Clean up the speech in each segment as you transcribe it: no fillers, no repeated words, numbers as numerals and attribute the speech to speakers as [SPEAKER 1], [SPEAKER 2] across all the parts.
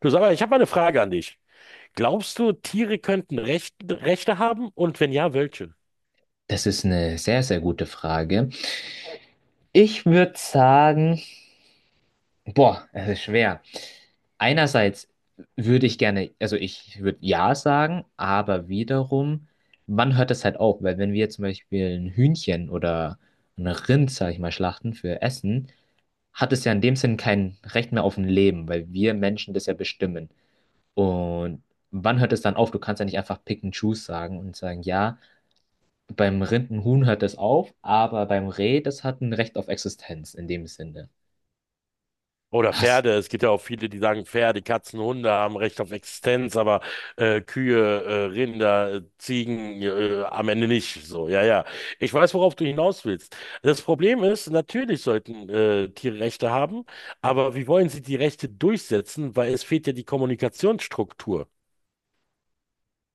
[SPEAKER 1] Du sag mal, ich habe mal eine Frage an dich. Glaubst du, Tiere könnten Recht, Rechte haben? Und wenn ja, welche?
[SPEAKER 2] Das ist eine sehr, sehr gute Frage. Ich würde sagen, boah, es ist schwer. Einerseits würde ich gerne, also ich würde ja sagen, aber wiederum, wann hört das halt auf? Weil wenn wir zum Beispiel ein Hühnchen oder ein Rind, sag ich mal, schlachten für Essen, hat es ja in dem Sinn kein Recht mehr auf ein Leben, weil wir Menschen das ja bestimmen. Und wann hört es dann auf? Du kannst ja nicht einfach pick and choose sagen und sagen, ja. Beim Rindenhuhn hört es auf, aber beim Reh, das hat ein Recht auf Existenz in dem Sinne.
[SPEAKER 1] Oder
[SPEAKER 2] Hast,
[SPEAKER 1] Pferde. Es gibt ja auch viele, die sagen, Pferde, Katzen, Hunde haben Recht auf Existenz, aber Kühe, Rinder, Ziegen am Ende nicht. So, ja, ja. Ich weiß, worauf du hinaus willst. Das Problem ist, natürlich sollten Tiere Rechte haben, aber wie wollen sie die Rechte durchsetzen? Weil es fehlt ja die Kommunikationsstruktur.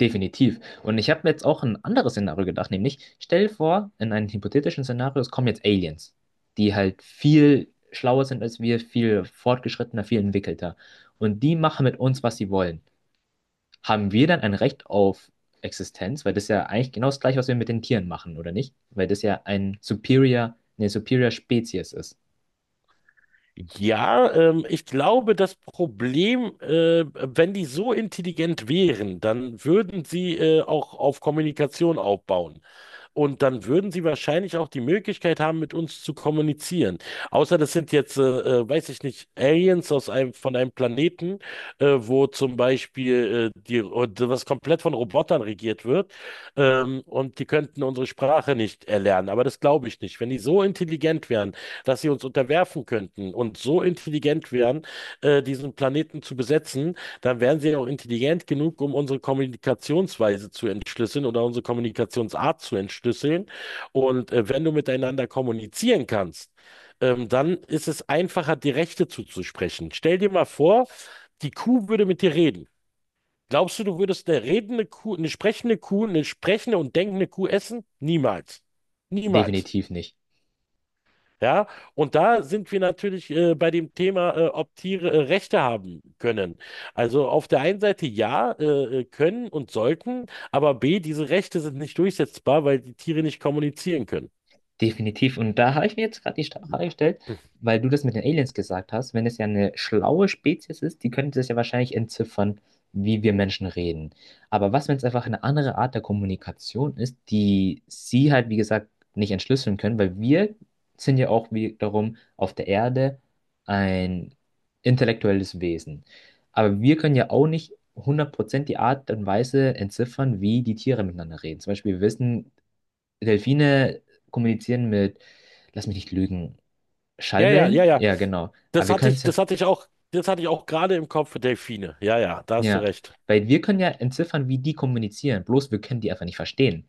[SPEAKER 2] definitiv. Und ich habe mir jetzt auch ein anderes Szenario gedacht, nämlich stell dir vor, in einem hypothetischen Szenario, es kommen jetzt Aliens, die halt viel schlauer sind als wir, viel fortgeschrittener, viel entwickelter. Und die machen mit uns, was sie wollen. Haben wir dann ein Recht auf Existenz? Weil das ist ja eigentlich genau das Gleiche, was wir mit den Tieren machen, oder nicht? Weil das ja ein Superior, eine Superior Spezies ist.
[SPEAKER 1] Ja, ich glaube, das Problem, wenn die so intelligent wären, dann würden sie auch auf Kommunikation aufbauen. Und dann würden sie wahrscheinlich auch die Möglichkeit haben, mit uns zu kommunizieren. Außer das sind jetzt, weiß ich nicht, Aliens aus einem, von einem Planeten, wo zum Beispiel die, und was komplett von Robotern regiert wird. Und die könnten unsere Sprache nicht erlernen. Aber das glaube ich nicht. Wenn die so intelligent wären, dass sie uns unterwerfen könnten und so intelligent wären, diesen Planeten zu besetzen, dann wären sie auch intelligent genug, um unsere Kommunikationsweise zu entschlüsseln oder unsere Kommunikationsart zu entschlüsseln. Und wenn du miteinander kommunizieren kannst, dann ist es einfacher, die Rechte zuzusprechen. Stell dir mal vor, die Kuh würde mit dir reden. Glaubst du, du würdest eine redende Kuh, eine sprechende und denkende Kuh essen? Niemals. Niemals.
[SPEAKER 2] Definitiv nicht.
[SPEAKER 1] Ja, und da sind wir natürlich bei dem Thema, ob Tiere Rechte haben können. Also auf der einen Seite ja, können und sollten, aber B, diese Rechte sind nicht durchsetzbar, weil die Tiere nicht kommunizieren können.
[SPEAKER 2] Definitiv. Und da habe ich mir jetzt gerade die Frage gestellt, weil du das mit den Aliens gesagt hast, wenn es ja eine schlaue Spezies ist, die könnte das ja wahrscheinlich entziffern, wie wir Menschen reden. Aber was, wenn es einfach eine andere Art der Kommunikation ist, die sie halt, wie gesagt, nicht entschlüsseln können, weil wir sind ja auch wiederum auf der Erde ein intellektuelles Wesen. Aber wir können ja auch nicht 100% die Art und Weise entziffern, wie die Tiere miteinander reden. Zum Beispiel, wir wissen, Delfine kommunizieren mit, lass mich nicht lügen,
[SPEAKER 1] Ja, ja, ja,
[SPEAKER 2] Schallwellen?
[SPEAKER 1] ja.
[SPEAKER 2] Ja, genau. Aber wir können es ja,
[SPEAKER 1] Das hatte ich auch, das hatte ich auch gerade im Kopf, Delfine. Ja, ja, da hast du
[SPEAKER 2] ja,
[SPEAKER 1] recht.
[SPEAKER 2] weil wir können ja entziffern, wie die kommunizieren. Bloß wir können die einfach nicht verstehen.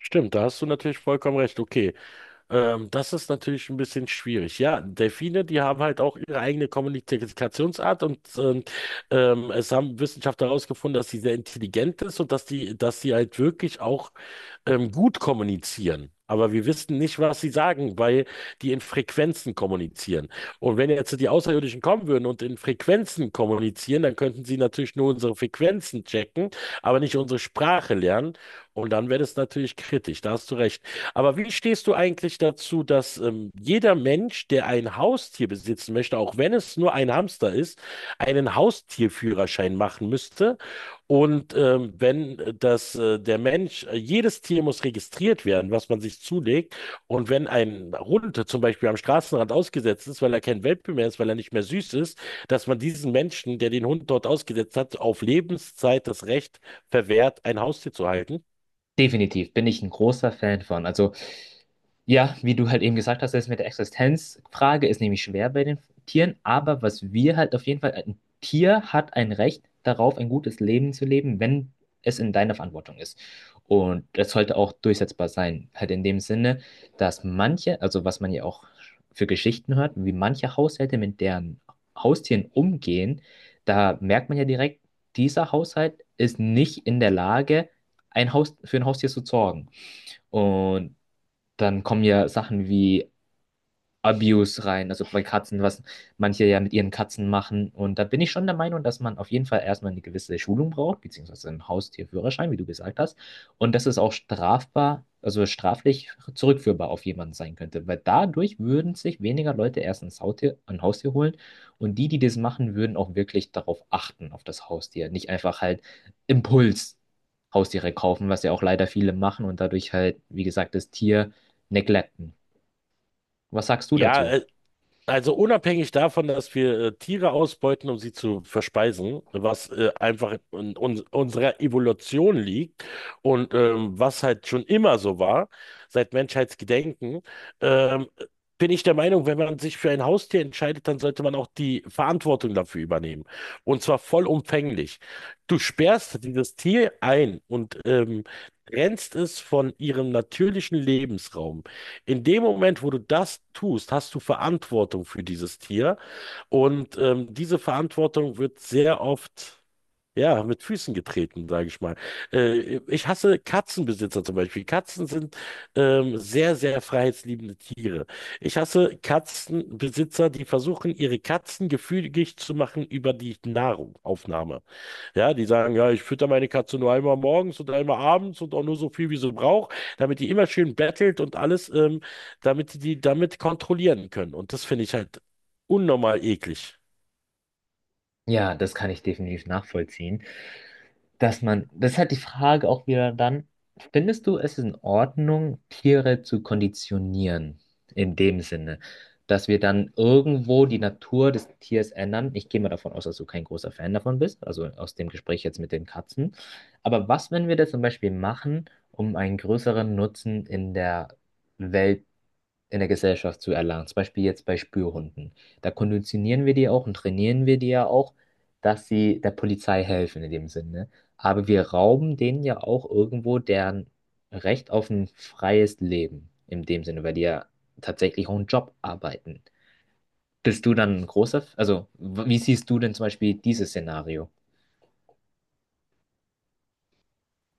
[SPEAKER 1] Stimmt, da hast du natürlich vollkommen recht. Okay. Das ist natürlich ein bisschen schwierig. Ja, Delfine, die haben halt auch ihre eigene Kommunikationsart und es haben Wissenschaftler herausgefunden, dass sie sehr intelligent ist und dass sie halt wirklich auch gut kommunizieren. Aber wir wissen nicht, was sie sagen, weil die in Frequenzen kommunizieren. Und wenn jetzt die Außerirdischen kommen würden und in Frequenzen kommunizieren, dann könnten sie natürlich nur unsere Frequenzen checken, aber nicht unsere Sprache lernen. Und dann wird es natürlich kritisch, da hast du recht. Aber wie stehst du eigentlich dazu, dass jeder Mensch, der ein Haustier besitzen möchte, auch wenn es nur ein Hamster ist, einen Haustierführerschein machen müsste? Und wenn der Mensch, jedes Tier muss registriert werden, was man sich zulegt. Und wenn ein Hund zum Beispiel am Straßenrand ausgesetzt ist, weil er kein Welpe mehr ist, weil er nicht mehr süß ist, dass man diesen Menschen, der den Hund dort ausgesetzt hat, auf Lebenszeit das Recht verwehrt, ein Haustier zu halten.
[SPEAKER 2] Definitiv bin ich ein großer Fan von. Also, ja, wie du halt eben gesagt hast, das mit der Existenzfrage ist nämlich schwer bei den Tieren, aber was wir halt auf jeden Fall, ein Tier hat ein Recht darauf, ein gutes Leben zu leben, wenn es in deiner Verantwortung ist. Und das sollte auch durchsetzbar sein. Halt in dem Sinne, dass manche, also was man ja auch für Geschichten hört, wie manche Haushalte mit deren Haustieren umgehen, da merkt man ja direkt, dieser Haushalt ist nicht in der Lage, ein Haus, für ein Haustier zu sorgen. Und dann kommen ja Sachen wie Abuse rein, also bei Katzen, was manche ja mit ihren Katzen machen. Und da bin ich schon der Meinung, dass man auf jeden Fall erstmal eine gewisse Schulung braucht, beziehungsweise einen Haustierführerschein, wie du gesagt hast. Und dass es auch strafbar, also straflich zurückführbar auf jemanden sein könnte, weil dadurch würden sich weniger Leute erst ein Haustier holen und die das machen, würden auch wirklich darauf achten, auf das Haustier, nicht einfach halt Impuls Haustiere kaufen, was ja auch leider viele machen und dadurch halt, wie gesagt, das Tier neglecten. Was sagst du
[SPEAKER 1] Ja,
[SPEAKER 2] dazu?
[SPEAKER 1] äh, also unabhängig davon, dass wir Tiere ausbeuten, um sie zu verspeisen, was einfach in uns, unserer Evolution liegt und was halt schon immer so war, seit Menschheitsgedenken, ähm, bin ich der Meinung, wenn man sich für ein Haustier entscheidet, dann sollte man auch die Verantwortung dafür übernehmen. Und zwar vollumfänglich. Du sperrst dieses Tier ein und trennst es von ihrem natürlichen Lebensraum. In dem Moment, wo du das tust, hast du Verantwortung für dieses Tier. Und diese Verantwortung wird sehr oft, ja, mit Füßen getreten, sage ich mal. Ich hasse Katzenbesitzer zum Beispiel. Katzen sind sehr, sehr freiheitsliebende Tiere. Ich hasse Katzenbesitzer, die versuchen, ihre Katzen gefügig zu machen über die Nahrung, Aufnahme. Ja, die sagen, ja, ich fütter meine Katze nur einmal morgens und einmal abends und auch nur so viel, wie sie braucht, damit die immer schön bettelt und alles, damit die damit kontrollieren können. Und das finde ich halt unnormal eklig.
[SPEAKER 2] Ja, das kann ich definitiv nachvollziehen. Dass man, das ist halt die Frage auch wieder dann, findest du, es ist in Ordnung, Tiere zu konditionieren? In dem Sinne, dass wir dann irgendwo die Natur des Tiers ändern. Ich gehe mal davon aus, dass du kein großer Fan davon bist, also aus dem Gespräch jetzt mit den Katzen. Aber was, wenn wir das zum Beispiel machen, um einen größeren Nutzen in der Welt in der Gesellschaft zu erlangen. Zum Beispiel jetzt bei Spürhunden. Da konditionieren wir die ja auch und trainieren wir die ja auch, dass sie der Polizei helfen in dem Sinne. Aber wir rauben denen ja auch irgendwo deren Recht auf ein freies Leben in dem Sinne, weil die ja tatsächlich auch einen Job arbeiten. Bist du dann ein großer, wie siehst du denn zum Beispiel dieses Szenario?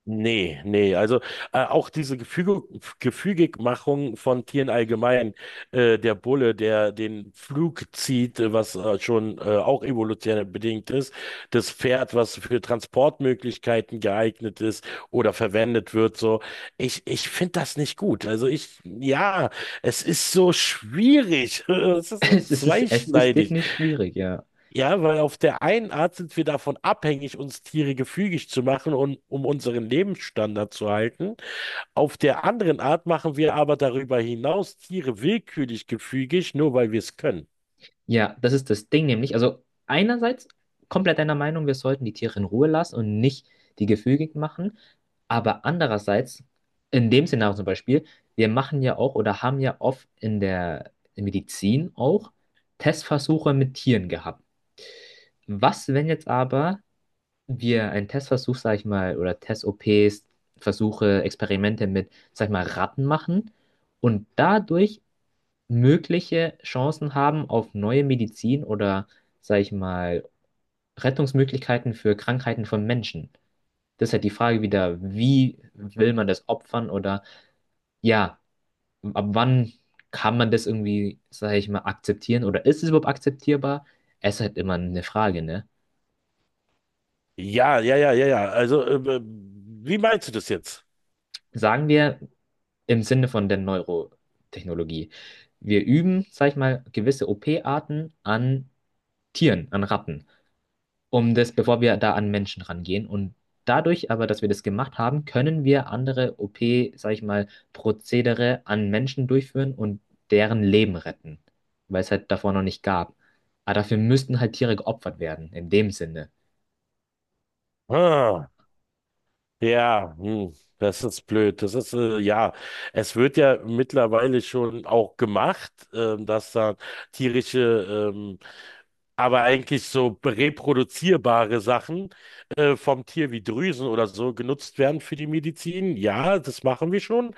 [SPEAKER 1] Nee, nee, also auch diese Gefügigmachung von Tieren allgemein, der Bulle, der den Flug zieht, was schon auch evolutionär bedingt ist, das Pferd, was für Transportmöglichkeiten geeignet ist oder verwendet wird, so, ich finde das nicht gut. Also ich, ja, es ist so schwierig, es ist so
[SPEAKER 2] Es ist
[SPEAKER 1] zweischneidig.
[SPEAKER 2] definitiv schwierig, ja.
[SPEAKER 1] Ja, weil auf der einen Art sind wir davon abhängig, uns Tiere gefügig zu machen und um unseren Lebensstandard zu halten. Auf der anderen Art machen wir aber darüber hinaus Tiere willkürlich gefügig, nur weil wir es können.
[SPEAKER 2] Ja, das ist das Ding nämlich. Also einerseits komplett deiner Meinung, wir sollten die Tiere in Ruhe lassen und nicht die gefügig machen. Aber andererseits, in dem Szenario zum Beispiel, wir machen ja auch oder haben ja oft in der Medizin auch Testversuche mit Tieren gehabt. Was, wenn jetzt aber wir einen Testversuch, sag ich mal, oder Test-OPs, Versuche, Experimente mit, sag ich mal, Ratten machen und dadurch mögliche Chancen haben auf neue Medizin oder, sag ich mal, Rettungsmöglichkeiten für Krankheiten von Menschen. Das ist halt die Frage wieder, wie will man das opfern oder ja, ab wann kann man das irgendwie, sag ich mal, akzeptieren oder ist es überhaupt akzeptierbar? Es ist halt immer eine Frage, ne?
[SPEAKER 1] Ja, ja, ja, ja, ja. Also, wie meinst du das jetzt?
[SPEAKER 2] Sagen wir im Sinne von der Neurotechnologie. Wir üben, sag ich mal, gewisse OP-Arten an Tieren, an Ratten. Um das, bevor wir da an Menschen rangehen. Und dadurch aber, dass wir das gemacht haben, können wir andere OP, sag ich mal, Prozedere an Menschen durchführen und deren Leben retten, weil es halt davor noch nicht gab. Aber dafür müssten halt Tiere geopfert werden, in dem Sinne.
[SPEAKER 1] Ah, ja, hm, das ist blöd. Es wird ja mittlerweile schon auch gemacht, dass da tierische aber eigentlich so reproduzierbare Sachen vom Tier wie Drüsen oder so genutzt werden für die Medizin. Ja, das machen wir schon.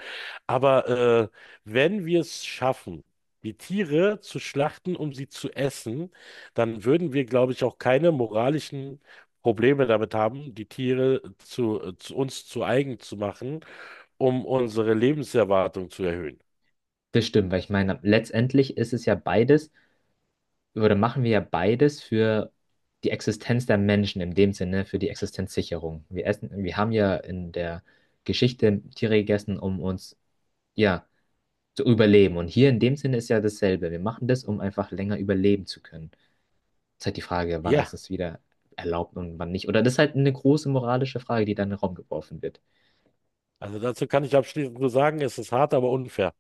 [SPEAKER 1] Aber wenn wir es schaffen, die Tiere zu schlachten, um sie zu essen, dann würden wir, glaube ich, auch keine moralischen Probleme damit haben, die Tiere zu uns zu eigen zu machen, um unsere Lebenserwartung zu erhöhen.
[SPEAKER 2] Das stimmt, weil ich meine, letztendlich ist es ja beides, oder machen wir ja beides für die Existenz der Menschen, in dem Sinne, für die Existenzsicherung. Wir essen, wir haben ja in der Geschichte Tiere gegessen, um uns, ja, zu überleben. Und hier in dem Sinne ist ja dasselbe. Wir machen das, um einfach länger überleben zu können. Ist halt die Frage, wann ist
[SPEAKER 1] Ja,
[SPEAKER 2] es wieder erlaubt und wann nicht. Oder das ist halt eine große moralische Frage, die dann in den Raum geworfen wird.
[SPEAKER 1] also dazu kann ich abschließend nur sagen, es ist hart, aber unfair.